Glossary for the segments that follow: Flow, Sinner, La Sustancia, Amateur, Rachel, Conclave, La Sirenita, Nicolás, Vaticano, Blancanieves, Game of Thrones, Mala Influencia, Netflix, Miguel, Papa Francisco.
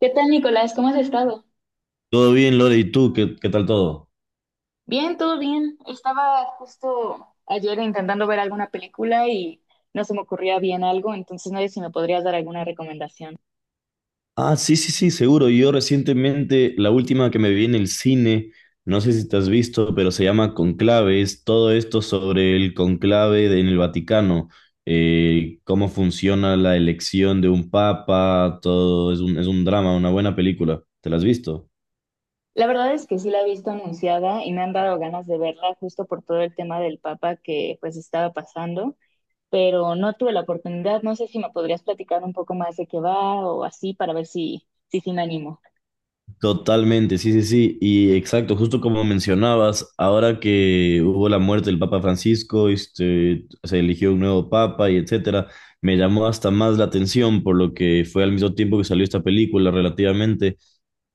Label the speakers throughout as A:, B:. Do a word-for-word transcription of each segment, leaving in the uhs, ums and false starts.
A: ¿Qué tal, Nicolás? ¿Cómo has estado?
B: Todo bien, Lore, ¿y tú? ¿Qué, qué tal todo?
A: Bien, todo bien. Estaba justo ayer intentando ver alguna película y no se me ocurría bien algo, entonces no sé si me podrías dar alguna recomendación.
B: Ah, sí, sí, sí, seguro. Yo recientemente, la última que me vi en el cine, no sé si te has visto, pero se llama Conclave, es todo esto sobre el conclave de- en el Vaticano, eh, cómo funciona la elección de un papa, todo es un, es un drama, una buena película. ¿Te la has visto?
A: La verdad es que sí la he visto anunciada y me han dado ganas de verla justo por todo el tema del Papa que pues estaba pasando, pero no tuve la oportunidad. No sé si me podrías platicar un poco más de qué va o así para ver si si, sí me animo.
B: Totalmente, sí, sí, sí. Y exacto, justo como mencionabas, ahora que hubo la muerte del Papa Francisco, este, se eligió un nuevo papa y etcétera, me llamó hasta más la atención por lo que fue al mismo tiempo que salió esta película relativamente.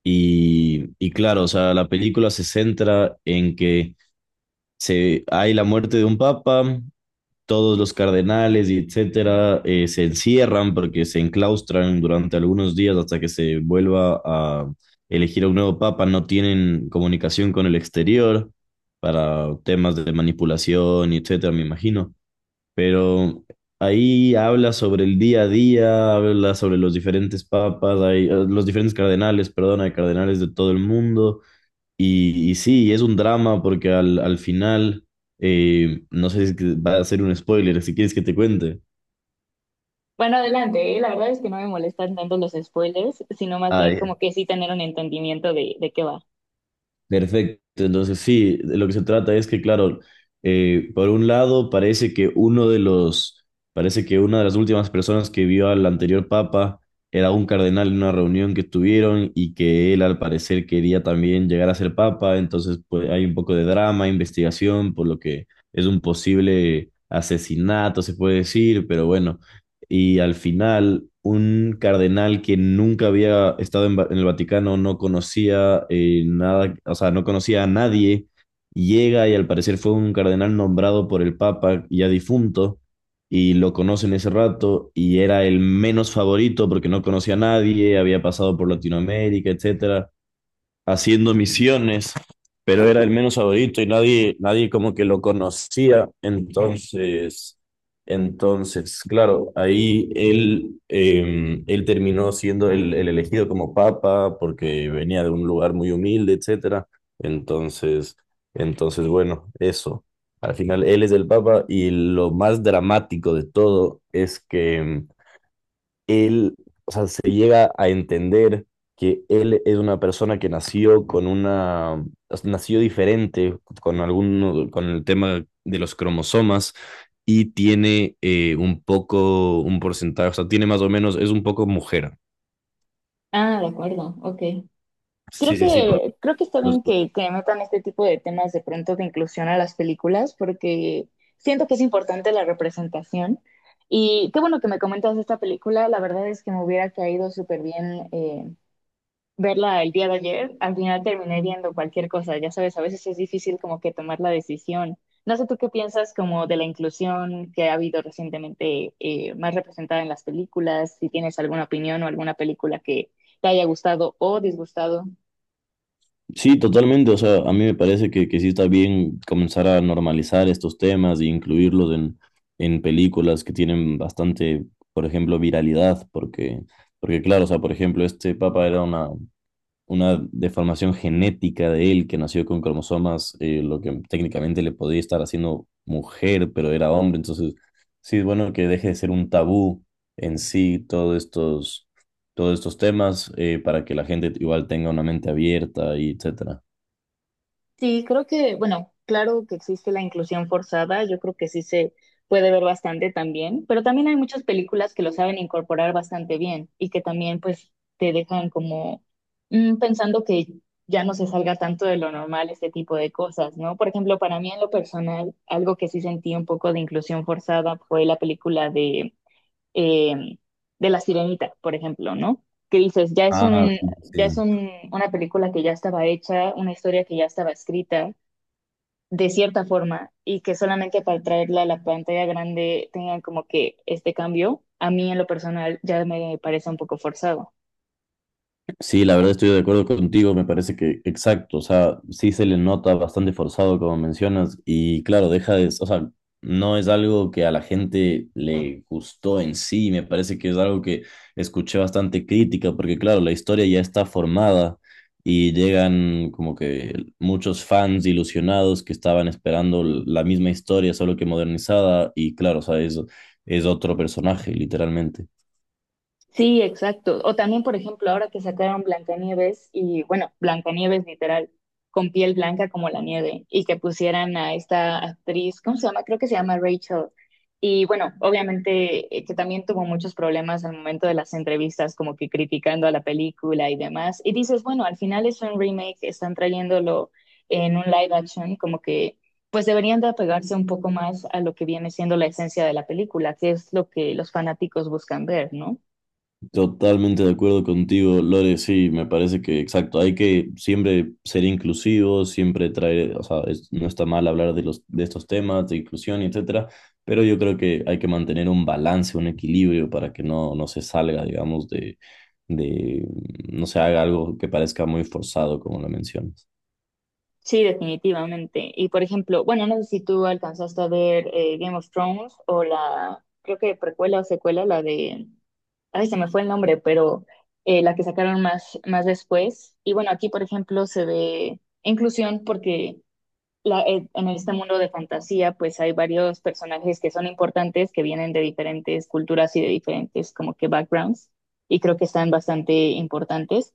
B: Y, y claro, o sea, la película se centra en que se, hay la muerte de un papa, todos los cardenales y etcétera eh, se encierran porque se enclaustran durante algunos días hasta que se vuelva a elegir a un nuevo papa, no tienen comunicación con el exterior para temas de manipulación y etcétera, me imagino. Pero ahí habla sobre el día a día, habla sobre los diferentes papas, hay, eh, los diferentes cardenales, perdón, hay cardenales de todo el mundo y, y sí, es un drama porque al, al final, eh, no sé si es que va a ser un spoiler, si quieres que te cuente.
A: Bueno, adelante, ¿eh? La verdad es que no me molestan tanto los spoilers, sino más bien como
B: ah
A: que sí tener un entendimiento de, de qué va.
B: Perfecto, entonces sí, de lo que se trata es que, claro, eh, por un lado parece que uno de los, parece que una de las últimas personas que vio al anterior papa era un cardenal en una reunión que tuvieron y que él al parecer quería también llegar a ser papa, entonces pues hay un poco de drama, investigación, por lo que es un posible asesinato, se puede decir, pero bueno, y al final un cardenal que nunca había estado en, Va- en el Vaticano, no conocía eh, nada, o sea, no conocía a nadie, llega y al parecer fue un cardenal nombrado por el Papa ya difunto y lo conoce en ese rato y era el menos favorito porque no conocía a nadie, había pasado por Latinoamérica, etcétera, haciendo misiones, pero era el menos favorito y nadie, nadie como que lo conocía. Entonces, entonces, claro, ahí él, eh, él terminó siendo el, el elegido como papa porque venía de un lugar muy humilde, etcétera. Entonces, entonces, bueno, eso. Al final, él es el papa y lo más dramático de todo es que em, él, o sea, se llega a entender que él es una persona que nació con una, nació diferente con algún, con el tema de los cromosomas y tiene eh, un poco, un porcentaje, o sea, tiene más o menos, es un poco mujer.
A: Ah, de acuerdo, ok. Creo
B: Sí, sí, sí, por
A: que, creo que está
B: los.
A: bien que, que metan este tipo de temas de pronto de inclusión a las películas, porque siento que es importante la representación. Y qué bueno que me comentas esta película, la verdad es que me hubiera caído súper bien verla el día de ayer, al final terminé viendo cualquier cosa, ya sabes, a veces es difícil como que tomar la decisión. No sé tú qué piensas como de la inclusión que ha habido recientemente eh, más representada en las películas, si tienes alguna opinión o alguna película que te haya gustado o disgustado.
B: Sí, totalmente. O sea, a mí me parece que, que sí está bien comenzar a normalizar estos temas e incluirlos en, en películas que tienen bastante, por ejemplo, viralidad, porque, porque claro, o sea, por ejemplo, este papa era una, una deformación genética de él que nació con cromosomas, eh, lo que técnicamente le podía estar haciendo mujer, pero era hombre. Entonces, sí es bueno que deje de ser un tabú en sí todos estos, todos estos temas eh, para que la gente igual tenga una mente abierta y etcétera.
A: Sí, creo que, bueno, claro que existe la inclusión forzada, yo creo que sí se puede ver bastante también, pero también hay muchas películas que lo saben incorporar bastante bien y que también pues te dejan como mm, pensando que ya no se salga tanto de lo normal este tipo de cosas, ¿no? Por ejemplo, para mí en lo personal, algo que sí sentí un poco de inclusión forzada fue la película de eh, de La Sirenita, por ejemplo, ¿no? Que dices, ya es
B: Ah,
A: un,
B: sí, sí.
A: ya es un, una película que ya estaba hecha, una historia que ya estaba escrita, de cierta forma, y que solamente para traerla a la pantalla grande tengan como que este cambio, a mí en lo personal ya me parece un poco forzado.
B: Sí, la verdad estoy de acuerdo contigo, me parece que exacto, o sea, sí se le nota bastante forzado como mencionas y claro, deja de, o sea, no es algo que a la gente le gustó en sí, me parece que es algo que escuché bastante crítica porque claro, la historia ya está formada y llegan como que muchos fans ilusionados que estaban esperando la misma historia, solo que modernizada y claro, o sea, es, es otro personaje, literalmente.
A: Sí, exacto. O también, por ejemplo, ahora que sacaron Blancanieves y, bueno, Blancanieves literal, con piel blanca como la nieve, y que pusieran a esta actriz, ¿cómo se llama? Creo que se llama Rachel. Y bueno, obviamente eh, que también tuvo muchos problemas al momento de las entrevistas, como que criticando a la película y demás. Y dices, bueno, al final es un remake, están trayéndolo en un live action, como que pues deberían de apegarse un poco más a lo que viene siendo la esencia de la película, que es lo que los fanáticos buscan ver, ¿no?
B: Totalmente de acuerdo contigo, Lore, sí, me parece que exacto, hay que siempre ser inclusivos, siempre traer, o sea, es- no está mal hablar de los, de estos temas, de inclusión, etcétera, pero yo creo que hay que mantener un balance, un equilibrio para que no, no se salga, digamos, de, de, no se haga algo que parezca muy forzado, como lo mencionas.
A: Sí, definitivamente. Y por ejemplo, bueno, no sé si tú alcanzaste a ver eh, Game of Thrones o la, creo que precuela o secuela, la de, ay, se me fue el nombre, pero eh, la que sacaron más, más después. Y bueno, aquí por ejemplo se ve inclusión porque la, eh, en este mundo de fantasía pues hay varios personajes que son importantes, que vienen de diferentes culturas y de diferentes como que backgrounds y creo que están bastante importantes.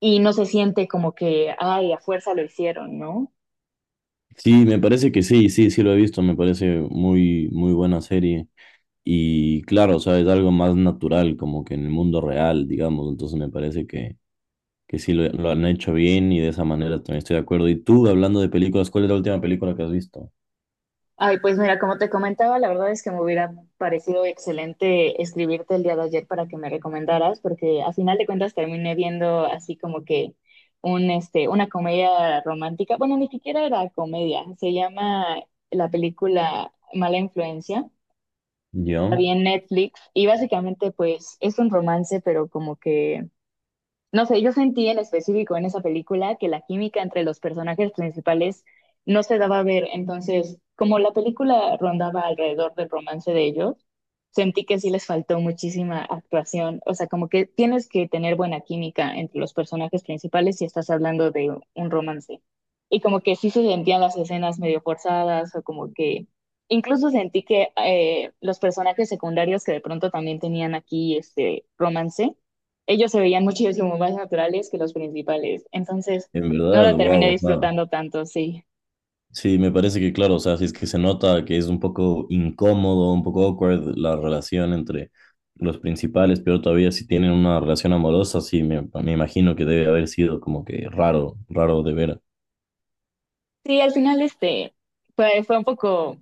A: Y no se siente como que, ay, a fuerza lo hicieron, ¿no?
B: Sí, me parece que sí, sí, sí lo he visto, me parece muy, muy buena serie. Y claro, o sea, es algo más natural, como que en el mundo real, digamos, entonces me parece que que sí lo, lo han hecho bien y de esa manera también estoy de acuerdo. Y tú, hablando de películas, ¿cuál es la última película que has visto?
A: Ay, pues mira, como te comentaba, la verdad es que me hubiera parecido excelente escribirte el día de ayer para que me recomendaras, porque a final de cuentas terminé viendo así como que un, este, una comedia romántica. Bueno, ni siquiera era comedia, se llama la película Mala Influencia, la
B: ¿Yo?
A: vi en Netflix y básicamente pues es un romance, pero como que no sé, yo sentí en específico en esa película que la química entre los personajes principales no se daba a ver. Entonces, como la película rondaba alrededor del romance de ellos, sentí que sí les faltó muchísima actuación. O sea, como que tienes que tener buena química entre los personajes principales si estás hablando de un romance. Y como que sí se sentían las escenas medio forzadas o como que incluso sentí que eh, los personajes secundarios que de pronto también tenían aquí este romance ellos se veían muchísimo más naturales que los principales. Entonces,
B: En
A: no
B: verdad,
A: la terminé
B: wow.
A: disfrutando tanto, sí.
B: Sí, me parece que claro, o sea, si es que se nota que es un poco incómodo, un poco awkward la relación entre los principales, pero todavía si tienen una relación amorosa, sí, me, me imagino que debe haber sido como que raro, raro de ver.
A: Sí, al final este fue, fue un poco,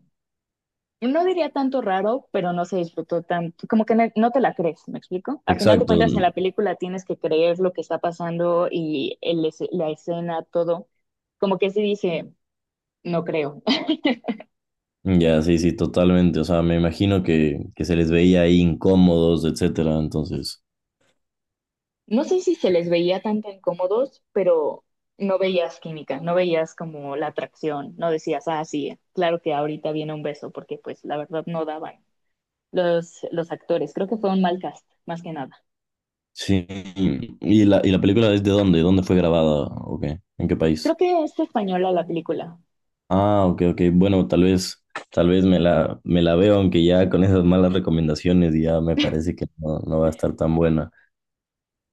A: no diría tanto raro, pero no se disfrutó tanto, como que no, no te la crees, ¿me explico? A final de
B: Exacto,
A: cuentas, en la película tienes que creer lo que está pasando y el es- la escena, todo. Como que sí dije, no creo.
B: mm, ya, sí, sí, totalmente, o sea, me imagino que, que se les veía ahí incómodos, etcétera, entonces...
A: No sé si se les veía tanto incómodos, pero no veías química, no veías como la atracción, no decías, ah, sí, claro que ahorita viene un beso, porque pues la verdad no daban los, los actores. Creo que fue un mal cast, más que nada.
B: Sí. ¿Y la, y la película es de dónde? ¿Dónde fue grabada? ¿O qué? ¿En qué
A: Creo
B: país?
A: que es española la película.
B: Ah, ok, ok. Bueno, tal vez, tal vez me la, me la veo, aunque ya con esas malas recomendaciones ya me parece que no, no va a estar tan buena.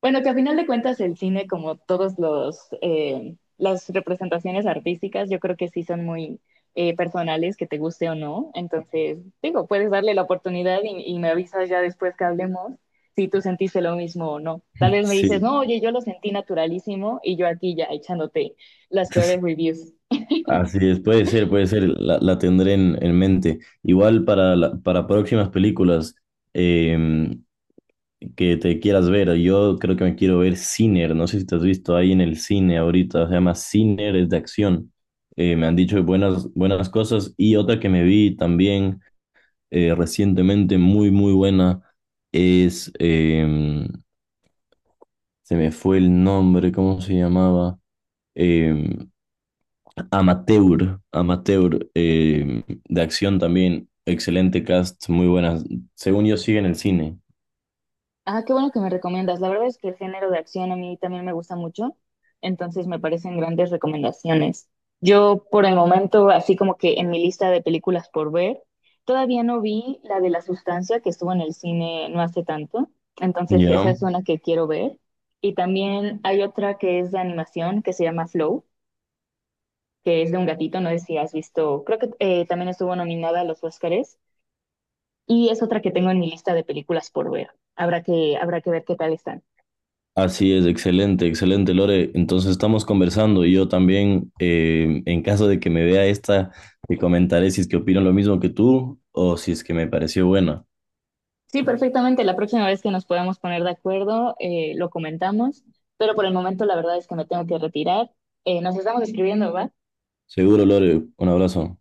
A: Bueno, que a final de cuentas el cine, como todos los eh, las representaciones artísticas, yo creo que sí son muy eh, personales, que te guste o no. Entonces, digo, puedes darle la oportunidad y, y me avisas ya después que hablemos si tú sentiste lo mismo o no. Tal vez me dices,
B: Sí.
A: no, oye, yo lo sentí naturalísimo y yo aquí ya echándote las peores reviews.
B: Así es, puede ser, puede ser, la, la tendré en, en mente. Igual para, la- para próximas películas, em, que te quieras ver. Yo creo que me quiero ver Sinner. No sé si te has visto ahí en el cine ahorita. Se llama Sinner, es de acción. Eh, me han dicho buenas, buenas cosas. Y otra que me vi también eh, recientemente, muy, muy buena, es. em, se me fue el nombre, ¿cómo se llamaba? Em, Amateur. Amateur, em, de acción también. Excelente cast, muy buenas. Según yo, sigue en el cine.
A: Ah, qué bueno que me recomiendas. La verdad es que el género de acción a mí también me gusta mucho, entonces me parecen grandes recomendaciones. Yo por el momento, así como que en mi lista de películas por ver, todavía no vi la de La Sustancia que estuvo en el cine no hace tanto, entonces esa
B: ¿Ya?
A: es una que quiero ver. Y también hay otra que es de animación que se llama Flow, que es de un gatito, no sé si has visto, creo que eh, también estuvo nominada a los Óscares y es otra que tengo en mi lista de películas por ver. Habrá que, habrá que ver qué tal está.
B: Así es, excelente, excelente, Lore. Entonces estamos conversando y yo también, eh, en caso de que me vea esta, te comentaré si es que opino lo mismo que tú o si es que me pareció buena.
A: Sí, perfectamente. La próxima vez que nos podamos poner de acuerdo, eh, lo comentamos, pero por el momento la verdad es que me tengo que retirar. Eh, nos estamos escribiendo, ¿va?
B: Seguro, Lore, un abrazo.